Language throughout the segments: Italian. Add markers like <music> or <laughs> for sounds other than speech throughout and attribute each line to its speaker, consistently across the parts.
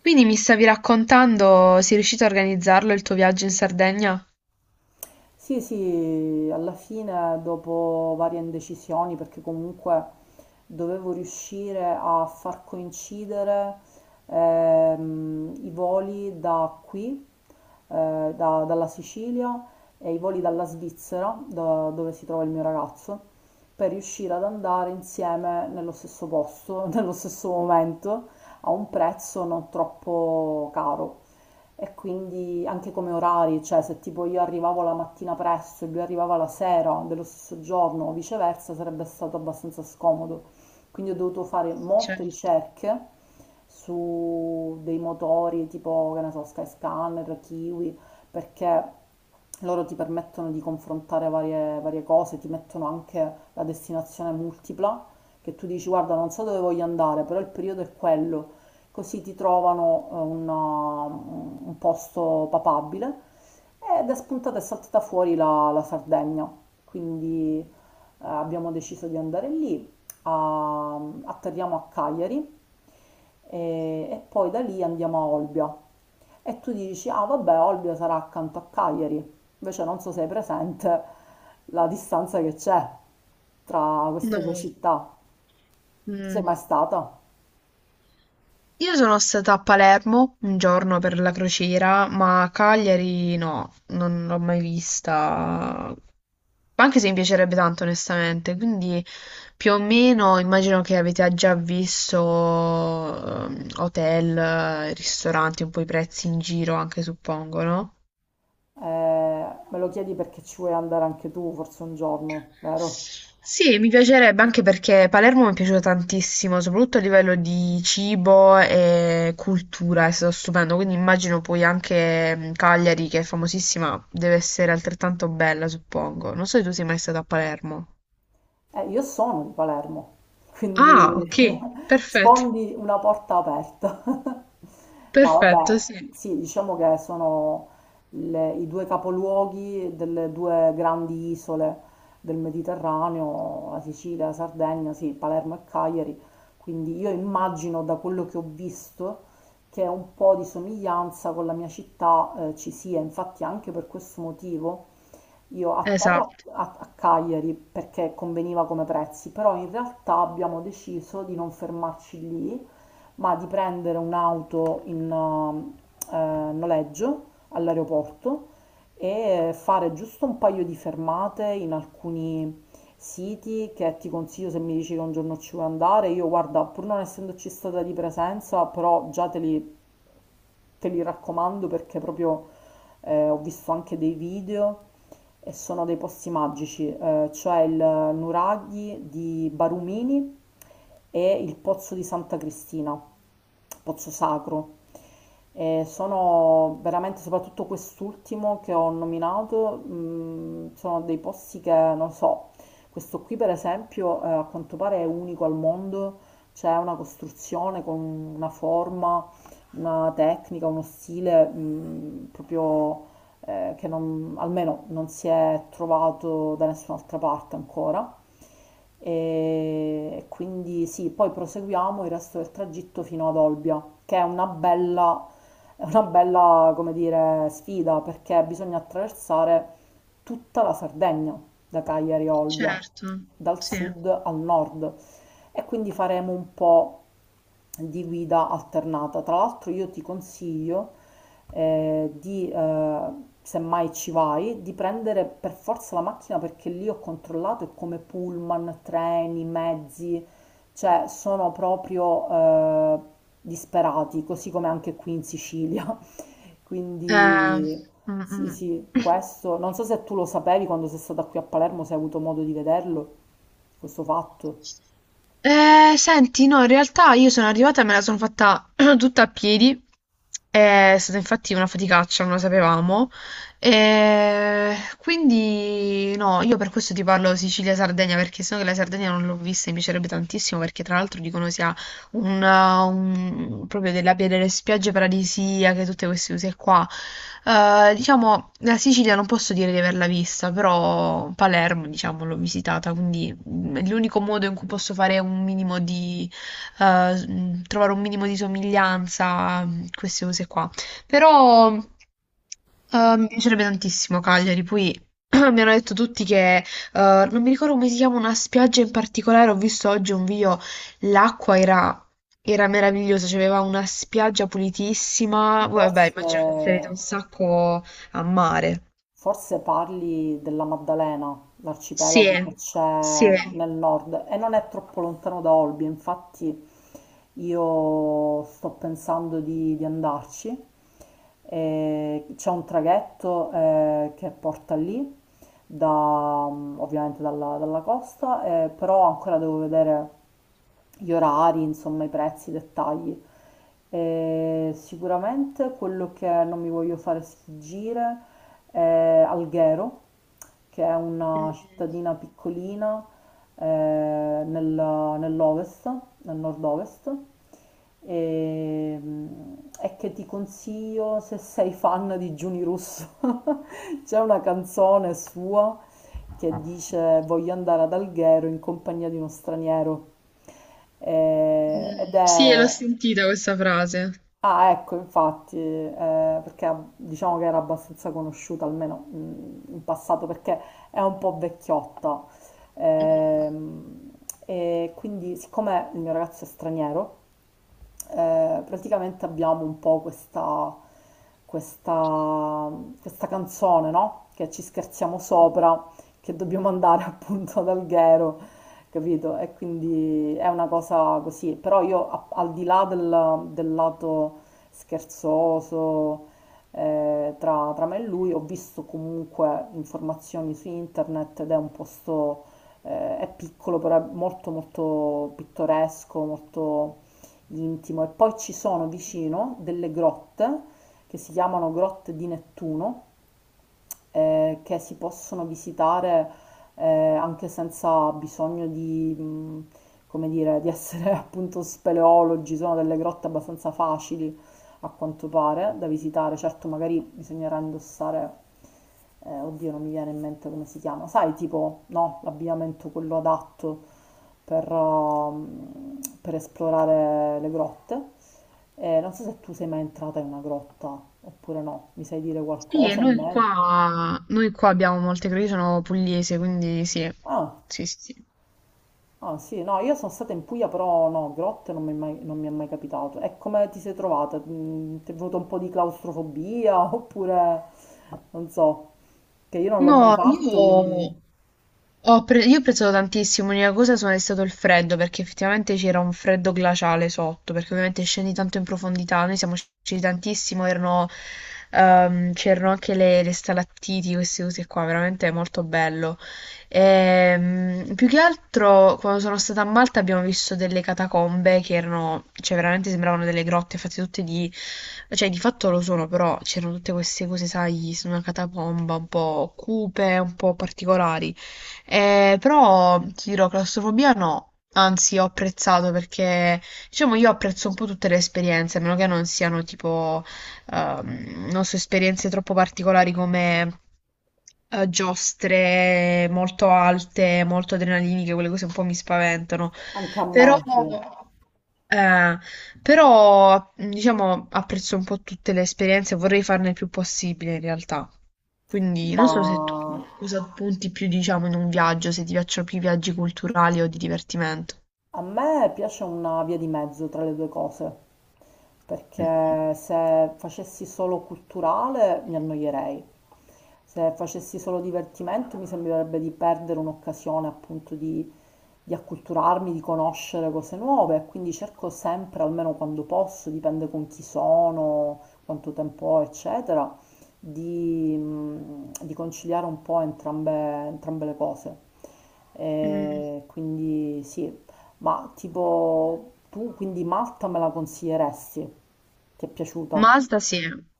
Speaker 1: Quindi mi stavi raccontando, sei riuscito a organizzarlo il tuo viaggio in Sardegna?
Speaker 2: Sì, sì, alla fine dopo varie indecisioni, perché comunque dovevo riuscire a far coincidere i voli da qui, dalla Sicilia e i voli dalla Svizzera, dove si trova il mio ragazzo, per riuscire ad andare insieme nello stesso posto, <laughs> nello stesso momento, a un prezzo non troppo caro e quindi anche come orari, cioè se tipo io arrivavo la mattina presto e lui arrivava la sera dello stesso giorno o viceversa sarebbe stato abbastanza scomodo. Quindi ho dovuto fare molte
Speaker 1: Certo.
Speaker 2: ricerche su dei motori tipo, che ne so, Skyscanner, Kiwi, perché loro ti permettono di confrontare varie cose, ti mettono anche la destinazione multipla, che tu dici guarda non so dove voglio andare, però il periodo è quello, così ti trovano un posto papabile ed è spuntata e saltata fuori la Sardegna. Quindi abbiamo deciso di andare lì, a- atterriamo a Cagliari e poi da lì andiamo a Olbia. E tu dici, ah vabbè, Olbia sarà accanto a Cagliari. Invece non so se hai presente la distanza che c'è tra
Speaker 1: No.
Speaker 2: queste due città. Tu sei
Speaker 1: Mm.
Speaker 2: mai stata?
Speaker 1: Io sono stata a Palermo un giorno per la crociera, ma a Cagliari no, non l'ho mai vista. Anche se mi piacerebbe tanto, onestamente. Quindi più o meno immagino che avete già visto hotel, ristoranti, un po' i prezzi in giro anche, suppongo, no?
Speaker 2: Me lo chiedi perché ci vuoi andare anche tu, forse un giorno, vero?
Speaker 1: Sì, mi piacerebbe anche perché Palermo mi è piaciuta tantissimo, soprattutto a livello di cibo e cultura, è stato stupendo, quindi immagino poi anche Cagliari, che è famosissima, deve essere altrettanto bella, suppongo. Non so se tu sei mai stato a Palermo.
Speaker 2: Io sono di Palermo,
Speaker 1: Ah,
Speaker 2: quindi
Speaker 1: ok,
Speaker 2: <laughs>
Speaker 1: perfetto,
Speaker 2: sfondi una porta aperta. <laughs> No,
Speaker 1: perfetto, sì,
Speaker 2: vabbè, sì, diciamo che sono i due capoluoghi delle due grandi isole del Mediterraneo, la Sicilia, la Sardegna, sì, Palermo e Cagliari. Quindi io immagino da quello che ho visto che un po' di somiglianza con la mia città, ci sia, infatti anche per questo motivo. Io a Terra,
Speaker 1: esatto,
Speaker 2: a, a Cagliari, perché conveniva come prezzi, però in realtà abbiamo deciso di non fermarci lì, ma di prendere un'auto in noleggio all'aeroporto e fare giusto un paio di fermate in alcuni siti che ti consiglio se mi dici che un giorno ci vuoi andare. Io guarda, pur non essendoci stata di presenza, però già te li raccomando perché proprio ho visto anche dei video e sono dei posti magici. Eh, c'è il Nuraghi di Barumini e il Pozzo di Santa Cristina, Pozzo Sacro. E sono veramente, soprattutto quest'ultimo che ho nominato, sono dei posti che non so. Questo qui, per esempio, a quanto pare è unico al mondo. C'è una costruzione con una forma una tecnica, uno stile proprio che non- almeno non si è trovato da nessun'altra parte ancora. E quindi sì, poi proseguiamo il resto del tragitto fino ad Olbia, che è una bella, come dire, sfida perché bisogna attraversare tutta la Sardegna, da Cagliari a Olbia,
Speaker 1: certo,
Speaker 2: dal
Speaker 1: sì.
Speaker 2: sud al nord. E quindi faremo un po' di guida alternata. Tra l'altro io ti consiglio di semmai ci vai, di prendere per forza la macchina perché lì ho controllato è come pullman, treni, mezzi, cioè sono proprio disperati, così come anche qui in Sicilia. <laughs>
Speaker 1: Eh,
Speaker 2: Quindi
Speaker 1: mm,
Speaker 2: sì,
Speaker 1: mm.
Speaker 2: sì,
Speaker 1: <clears throat>
Speaker 2: questo, non so se tu lo sapevi quando sei stata qui a Palermo, se hai avuto modo di vederlo, questo fatto.
Speaker 1: Senti, no, in realtà io sono arrivata e me la sono fatta <clears throat> tutta a piedi. È stata infatti una faticaccia, non lo sapevamo. Quindi, no, io per questo ti parlo Sicilia-Sardegna, perché sennò che la Sardegna non l'ho vista e mi piacerebbe tantissimo, perché tra l'altro dicono sia proprio delle spiagge paradisiache, tutte queste cose qua. Diciamo, la Sicilia non posso dire di averla vista, però Palermo, diciamo, l'ho visitata, quindi è l'unico modo in cui posso fare un minimo di, trovare un minimo di somiglianza, queste cose qua. Però mi piacerebbe tantissimo Cagliari, poi <clears throat> mi hanno detto tutti che, non mi ricordo come si chiama una spiaggia in particolare, ho visto oggi un video, l'acqua era era meraviglioso, cioè, aveva una spiaggia pulitissima. Voi, vabbè,
Speaker 2: Forse...
Speaker 1: immagino che sarete un sacco a mare.
Speaker 2: Forse parli della Maddalena,
Speaker 1: Sì,
Speaker 2: l'arcipelago che
Speaker 1: sì.
Speaker 2: c'è nel nord e non è troppo lontano da Olbia, infatti io sto pensando di andarci. E c'è un traghetto che porta lì, da, ovviamente dalla costa, però ancora devo vedere gli orari, insomma i prezzi, i dettagli. E sicuramente quello che non mi voglio fare sfuggire Alghero, che è una
Speaker 1: Mm,
Speaker 2: cittadina piccolina eh, nell'ovest, nel nord-ovest, e, e che ti consiglio se sei fan di Giuni Russo. <laughs> C'è una canzone sua che dice voglio andare ad Alghero in compagnia di uno straniero. Eh,
Speaker 1: mm,
Speaker 2: ed
Speaker 1: sì, l'ho
Speaker 2: è...
Speaker 1: sentita questa frase.
Speaker 2: Ah, ecco, infatti, perché diciamo che era abbastanza conosciuta, almeno in passato, perché è un po' vecchiotta.
Speaker 1: Mm.
Speaker 2: Ehm, e quindi, siccome il mio ragazzo è straniero, praticamente abbiamo un po' questa, questa canzone, no? Che ci scherziamo sopra, che dobbiamo andare <laughs> appunto ad Alghero, capito? E quindi è una cosa così, però io al di là del lato scherzoso tra me e lui ho visto comunque informazioni su internet ed è un posto, è piccolo, però è molto molto pittoresco, molto intimo e poi ci sono vicino delle grotte che si chiamano grotte di Nettuno che si possono visitare anche senza bisogno di, come dire, di essere <laughs> appunto speleologi, sono delle grotte abbastanza facili a quanto pare da visitare, certo magari bisognerà indossare oddio, non mi viene in mente come si chiama, sai, tipo, no, l'abbigliamento quello adatto per, per esplorare le grotte. Non so se tu sei mai entrata in una grotta oppure no, mi sai dire
Speaker 1: Sì, e
Speaker 2: qualcosa in
Speaker 1: noi
Speaker 2: merito?
Speaker 1: qua, noi qua abbiamo molte, perché io sono pugliese, quindi sì,
Speaker 2: Ah,
Speaker 1: sì, sì, sì.
Speaker 2: ah, sì, no, io sono stata in Puglia, però no, grotte non mi è mai capitato. E come ti sei trovata? Ti è venuto un po' di claustrofobia <laughs> oppure non so, che io non l'ho mai
Speaker 1: No,
Speaker 2: fatto,
Speaker 1: io...
Speaker 2: quindi
Speaker 1: Io ho preso tantissimo, l'unica cosa è stato il freddo, perché effettivamente c'era un freddo glaciale sotto, perché ovviamente scendi tanto in profondità, noi siamo scesi tantissimo, erano, c'erano anche le stalattiti, queste cose qua, veramente molto bello. Più che altro, quando sono stata a Malta abbiamo visto delle catacombe che erano, cioè veramente sembravano delle grotte fatte tutte di, cioè di fatto lo sono, però c'erano tutte queste cose, sai, su una catacomba un po' cupe, un po' particolari. Però ti dirò, claustrofobia no, anzi ho apprezzato perché diciamo io apprezzo un po' tutte le esperienze, a meno che non siano tipo, non so, esperienze troppo particolari come giostre molto alte, molto adrenaliniche, quelle cose un po' mi spaventano.
Speaker 2: anche a
Speaker 1: Però...
Speaker 2: me, sì.
Speaker 1: Eh, però, diciamo, apprezzo un po' tutte le esperienze, vorrei farne il più possibile in realtà. Quindi
Speaker 2: Ma
Speaker 1: non so se tu cosa punti più, diciamo, in un viaggio, se ti piacciono più i viaggi culturali o di divertimento.
Speaker 2: A me piace una via di mezzo tra le due cose,
Speaker 1: Mm.
Speaker 2: perché se facessi solo culturale mi annoierei. Se facessi solo divertimento mi sembrerebbe di perdere un'occasione appunto di acculturarmi, di conoscere cose nuove, quindi cerco sempre, almeno quando posso, dipende con chi sono, quanto tempo ho, eccetera, di conciliare un po' entrambe le cose.
Speaker 1: Mm.
Speaker 2: E quindi sì, ma tipo tu quindi Malta me la consiglieresti? Ti è piaciuta?
Speaker 1: Malta sì,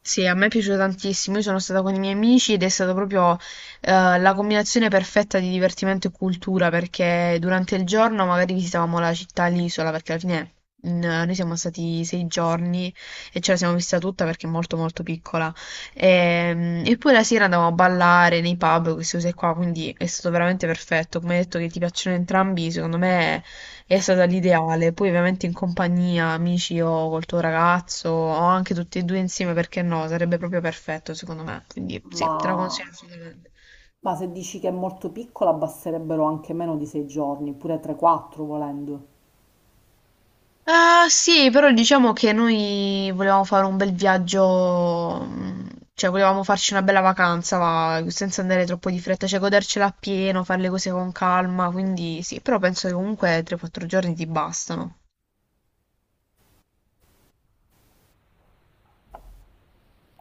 Speaker 1: sì, a me è piaciuto tantissimo. Io sono stata con i miei amici ed è stata proprio la combinazione perfetta di divertimento e cultura perché durante il giorno magari visitavamo la città, l'isola, perché alla fine noi siamo stati 6 giorni e ce la siamo vista tutta perché è molto molto piccola. Poi la sera andavamo a ballare nei pub, queste cose qua, quindi è stato veramente perfetto. Come hai detto che ti piacciono entrambi, secondo me è stata l'ideale, poi ovviamente in compagnia, amici o col tuo ragazzo o anche tutti e due insieme, perché no? Sarebbe proprio perfetto secondo me, quindi sì, te la
Speaker 2: Ma,
Speaker 1: consiglio assolutamente.
Speaker 2: ma se dici che è molto piccola basterebbero anche meno di 6 giorni, pure 3-4 volendo.
Speaker 1: Ah, sì, però diciamo che noi volevamo fare un bel viaggio, cioè volevamo farci una bella vacanza, va, senza andare troppo di fretta, cioè godercela appieno, fare le cose con calma, quindi sì, però penso che comunque 3-4 giorni ti bastano.